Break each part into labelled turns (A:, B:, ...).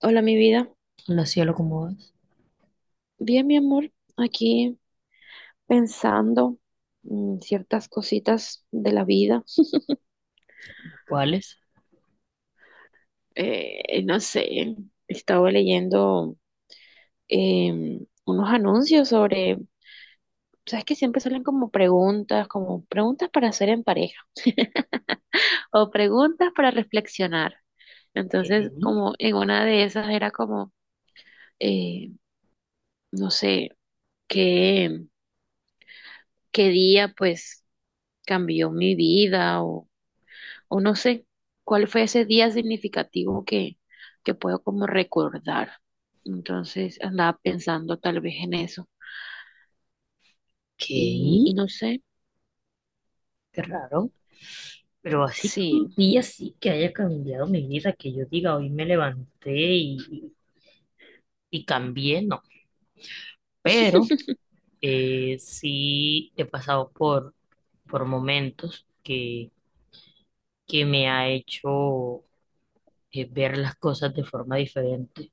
A: Hola, mi vida.
B: No sé lo como es.
A: Bien, mi amor, aquí pensando ciertas cositas de la vida.
B: ¿Cuáles?
A: No sé, estaba leyendo unos anuncios sobre, sabes que siempre salen como preguntas para hacer en pareja o preguntas para reflexionar.
B: ¿Qué?
A: Entonces, como en una de esas era como, eh, no sé, qué, qué día pues cambió mi vida o no sé cuál fue ese día significativo que puedo como recordar. Entonces andaba pensando tal vez en eso
B: ¿Qué?
A: y no sé,
B: Qué raro. Pero así que un
A: sí,
B: día sí que haya cambiado mi vida, que yo diga, hoy me levanté y cambié, no. Pero sí he pasado por momentos que me ha hecho ver las cosas de forma diferente.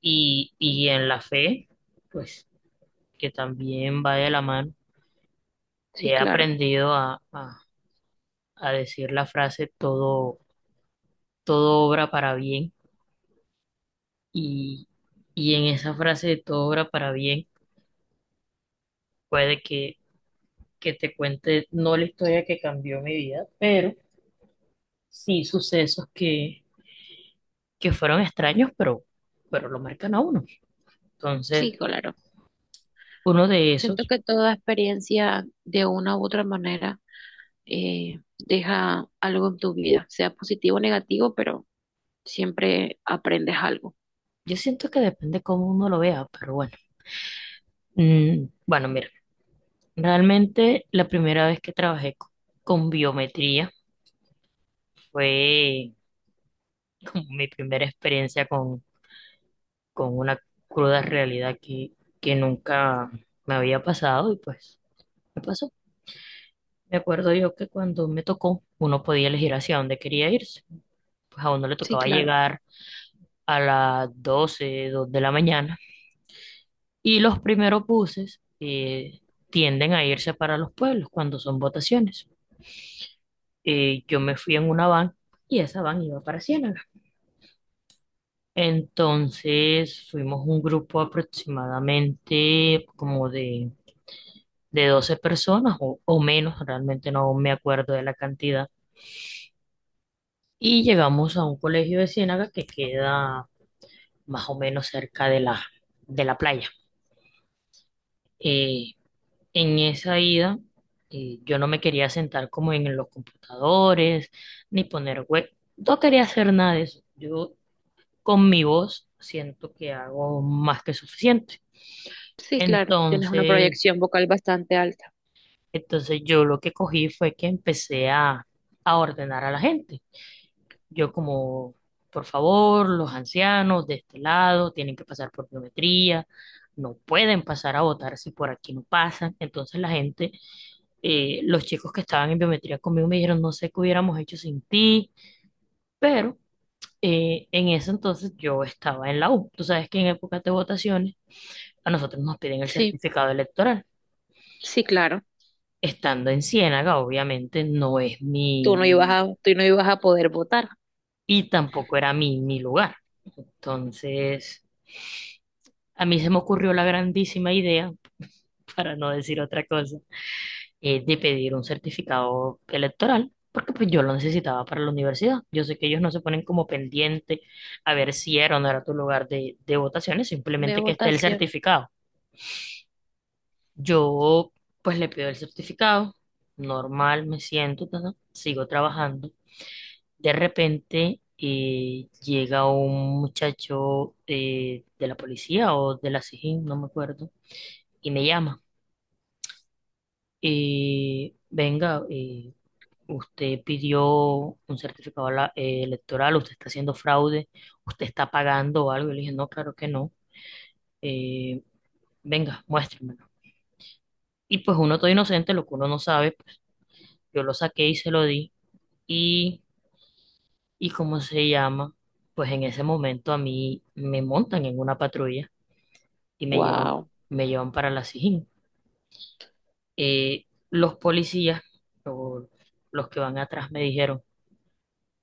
B: Y en la fe, pues, que también va de la mano,
A: sí,
B: he
A: claro,
B: aprendido a decir la frase todo obra para bien y, y en esa frase de todo obra para bien puede que te cuente no la historia que cambió mi vida, pero sí sucesos que fueron extraños, pero lo marcan a uno.
A: sí,
B: Entonces,
A: claro.
B: uno de
A: Siento
B: esos,
A: que toda experiencia de una u otra manera deja algo en tu vida, sea positivo o negativo, pero siempre aprendes algo.
B: yo siento que depende cómo uno lo vea, pero bueno. Bueno, mira, realmente la primera vez que trabajé con biometría fue como mi primera experiencia con una cruda realidad que nunca me había pasado y pues me pasó. Me acuerdo yo que cuando me tocó, uno podía elegir hacia dónde quería irse. Pues a uno le
A: Sí,
B: tocaba
A: claro,
B: llegar a las 12 2 de la mañana y los primeros buses tienden a irse para los pueblos cuando son votaciones. Yo me fui en una van y esa van iba para Ciénaga. Entonces fuimos un grupo aproximadamente como de 12 personas o menos, realmente no me acuerdo de la cantidad. Y llegamos a un colegio de Ciénaga que queda más o menos cerca de la playa. Eh, en esa ida, yo no me quería sentar como en los computadores, ni poner web. No quería hacer nada de eso. Yo con mi voz siento que hago más que suficiente.
A: sí, claro. Tienes una
B: Entonces,
A: proyección vocal bastante alta.
B: entonces, yo lo que cogí fue que empecé a ordenar a la gente. Yo como, por favor, los ancianos de este lado tienen que pasar por biometría, no pueden pasar a votar si por aquí no pasan. Entonces la gente, los chicos que estaban en biometría conmigo me dijeron, no sé qué hubiéramos hecho sin ti, pero en ese entonces yo estaba en la U. Tú sabes que en épocas de votaciones a nosotros nos piden el
A: Sí,
B: certificado electoral.
A: sí, claro.
B: Estando en Ciénaga, obviamente no es
A: tú
B: mi,
A: no ibas a, tú no ibas a poder votar
B: y tampoco era mi lugar. Entonces. A mí se me ocurrió la grandísima idea, para no decir otra cosa, de pedir un certificado electoral, porque pues yo lo necesitaba para la universidad. Yo sé que ellos no se ponen como pendiente a ver si era o no era tu lugar de votaciones,
A: de
B: simplemente que esté el
A: votación.
B: certificado. Yo pues le pido el certificado, normal, me siento, ta, ta, sigo trabajando. De repente llega un muchacho de la policía o de la SIJIN, no me acuerdo, y me llama. Y venga, usted pidió un certificado electoral, usted está haciendo fraude, usted está pagando algo. Y le dije, no, claro que no. Eh, Venga, muéstremelo. Y pues uno todo inocente, lo que uno no sabe, pues, yo lo saqué y se lo di. Y, y ¿cómo se llama? Pues en ese momento a mí me montan en una patrulla y
A: Wow,
B: me llevan para la Sijín. Los policías, o los que van atrás, me dijeron,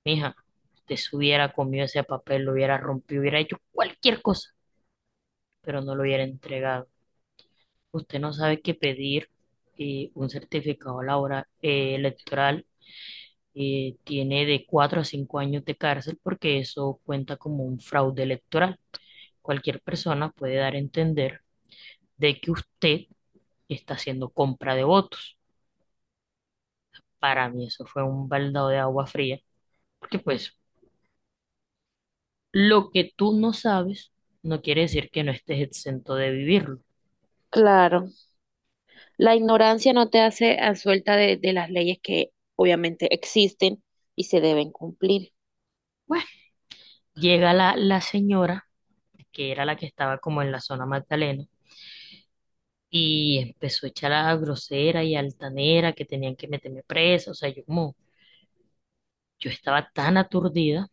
B: mija, usted se hubiera comido ese papel, lo hubiera rompido, hubiera hecho cualquier cosa, pero no lo hubiera entregado. Usted no sabe que pedir un certificado laboral, electoral tiene de 4 a 5 años de cárcel porque eso cuenta como un fraude electoral. Cualquier persona puede dar a entender de que usted está haciendo compra de votos. Para mí eso fue un baldado de agua fría, porque pues lo que tú no sabes no quiere decir que no estés exento de vivirlo.
A: claro. La ignorancia no te hace a suelta de las leyes que obviamente existen y se deben cumplir.
B: Bueno, llega la señora, que era la que estaba como en la zona Magdalena, y empezó a echar a grosera y altanera que tenían que meterme presa. O sea, yo como, yo estaba tan aturdida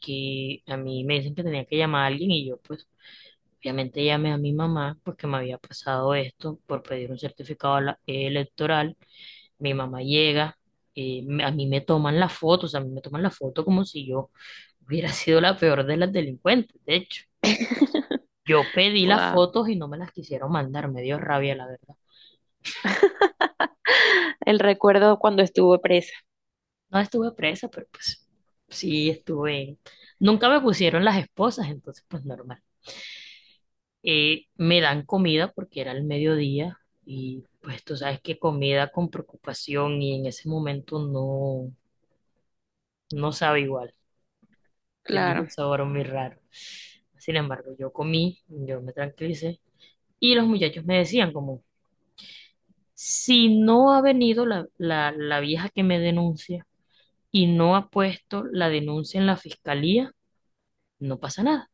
B: que a mí me dicen que tenía que llamar a alguien y yo pues obviamente llamé a mi mamá porque me había pasado esto por pedir un certificado electoral. Mi mamá llega, a mí me toman la foto, o sea, a mí me toman la foto como si yo hubiera sido la peor de las delincuentes, de hecho. Yo pedí las
A: Wow.
B: fotos y no me las quisieron mandar, me dio rabia, la verdad.
A: El recuerdo cuando estuve presa.
B: No estuve presa, pero pues sí estuve. Nunca me pusieron las esposas, entonces pues normal. Me dan comida porque era el mediodía y pues tú sabes que comida con preocupación y en ese momento no sabe igual, tenía
A: Claro,
B: un sabor muy raro. Sin embargo, yo comí, yo me tranquilicé y los muchachos me decían como, si no ha venido la vieja que me denuncia, y no ha puesto la denuncia en la fiscalía, no pasa nada.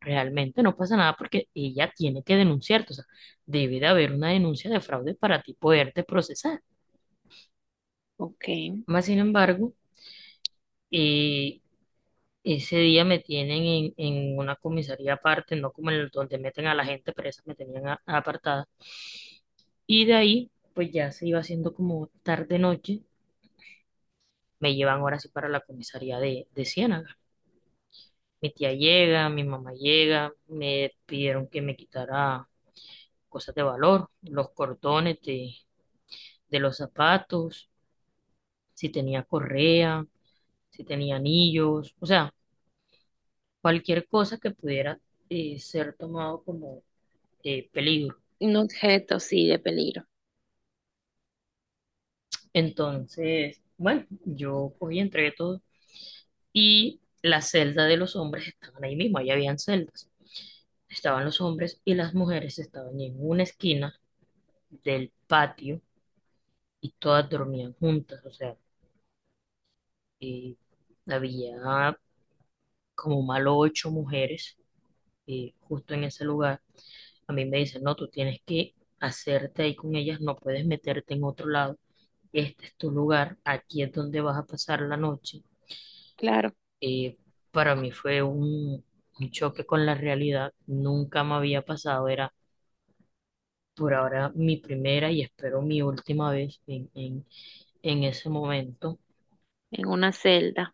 B: Realmente no pasa nada porque ella tiene que denunciarte. O sea, debe de haber una denuncia de fraude para ti poderte procesar.
A: ok.
B: Más sin embargo, eh, ese día me tienen en una comisaría aparte, no como el donde meten a la gente presa, me tenían apartada. Y de ahí, pues ya se iba haciendo como tarde-noche, me llevan ahora sí para la comisaría de Ciénaga. Mi tía llega, mi mamá llega, me pidieron que me quitara cosas de valor, los cordones de los zapatos, si tenía correa, si tenía anillos, o sea, cualquier cosa que pudiera ser tomado como peligro.
A: Un objeto, sí, de peligro.
B: Entonces, bueno, yo cogí, entregué todo y la celda de los hombres estaban ahí mismo, ahí habían celdas. Estaban los hombres y las mujeres estaban en una esquina del patio y todas dormían juntas, o sea, eh, había como malo ocho mujeres justo en ese lugar. A mí me dicen, no, tú tienes que hacerte ahí con ellas, no puedes meterte en otro lado, este es tu lugar, aquí es donde vas a pasar la noche.
A: Claro,
B: Eh, para mí fue un choque con la realidad, nunca me había pasado, era por ahora mi primera y espero mi última vez en ese momento.
A: en una celda.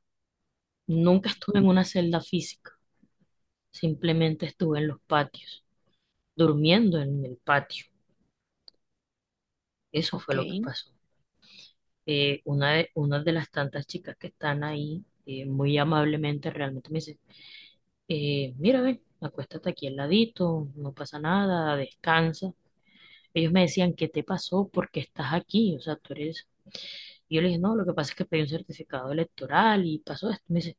B: Nunca estuve en una celda física. Simplemente estuve en los patios, durmiendo en el patio. Eso
A: Ok.
B: fue lo que pasó. Una de las tantas chicas que están ahí, muy amablemente realmente me dice, mira, ven, acuéstate aquí al ladito, no pasa nada, descansa. Ellos me decían, ¿qué te pasó? ¿Por qué estás aquí? O sea, tú eres. Y yo le dije, no, lo que pasa es que pedí un certificado electoral y pasó esto. Me dice,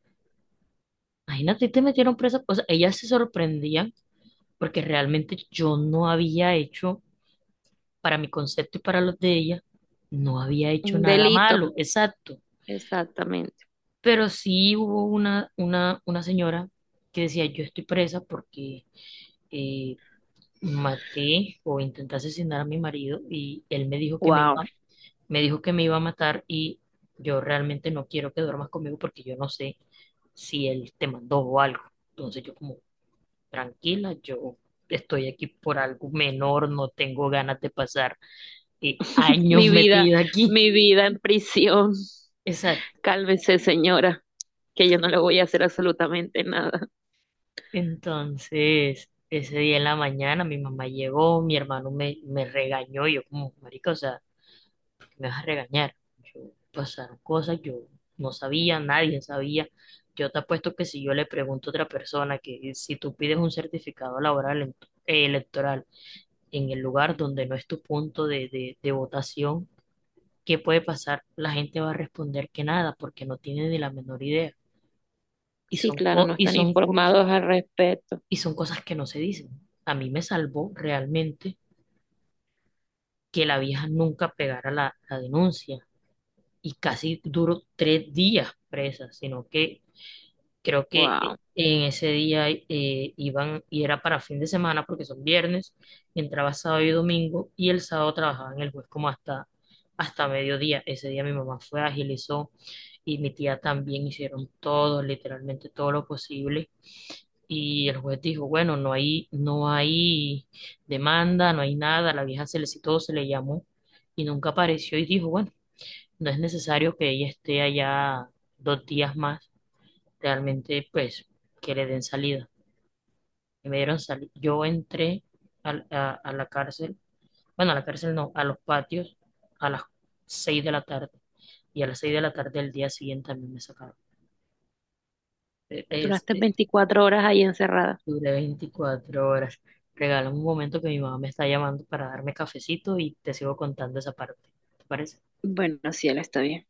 B: imagínate, te metieron presa. O sea, ellas se sorprendían porque realmente yo no había hecho para mi concepto y para los de ella, no había
A: Un
B: hecho nada
A: delito,
B: malo, exacto.
A: exactamente.
B: Pero sí hubo una señora que decía, yo estoy presa porque eh, maté o intenté asesinar a mi marido y él me dijo que me
A: Wow.
B: iba, a matar y yo realmente no quiero que duermas conmigo porque yo no sé si él te mandó o algo. Entonces yo como, tranquila, yo estoy aquí por algo menor, no tengo ganas de pasar años
A: Mi vida,
B: metida aquí.
A: mi vida en prisión.
B: Exacto.
A: Cálmese, señora, que yo no le voy a hacer absolutamente nada.
B: Entonces, ese día en la mañana mi mamá llegó, mi hermano me regañó, y yo como, marica, o sea, ¿por qué me vas a regañar? Yo, pasaron cosas, yo no sabía, nadie sabía. Yo te apuesto que si yo le pregunto a otra persona que si tú pides un certificado laboral electoral en el lugar donde no es tu punto de votación, ¿qué puede pasar? La gente va a responder que nada, porque no tiene ni la menor idea.
A: Sí, claro, no
B: Y
A: están
B: son cosas.
A: informados al respecto.
B: Y son cosas que no se dicen. A mí me salvó realmente que la vieja nunca pegara la denuncia y casi duró 3 días presa, sino que creo que
A: Wow.
B: en ese día iban y era para fin de semana porque son viernes, entraba sábado y domingo y el sábado trabajaba en el juez como hasta mediodía. Ese día mi mamá fue, agilizó y mi tía también hicieron todo, literalmente todo lo posible. Y el juez dijo, bueno, no hay demanda, no hay nada, la vieja se le citó, se le llamó y nunca apareció y dijo, bueno, no es necesario que ella esté allá 2 días más, realmente pues que le den salida. Y me dieron salida. Yo entré a la cárcel, bueno, a la cárcel no, a los patios a las 6 de la tarde y a las 6 de la tarde del día siguiente también me sacaron. Eh, Es,
A: Duraste
B: e-,
A: 24 horas ahí encerrada.
B: Duré 24 horas. Regálame un momento que mi mamá me está llamando para darme cafecito y te sigo contando esa parte. ¿Te parece?
A: Bueno, sí, él está bien.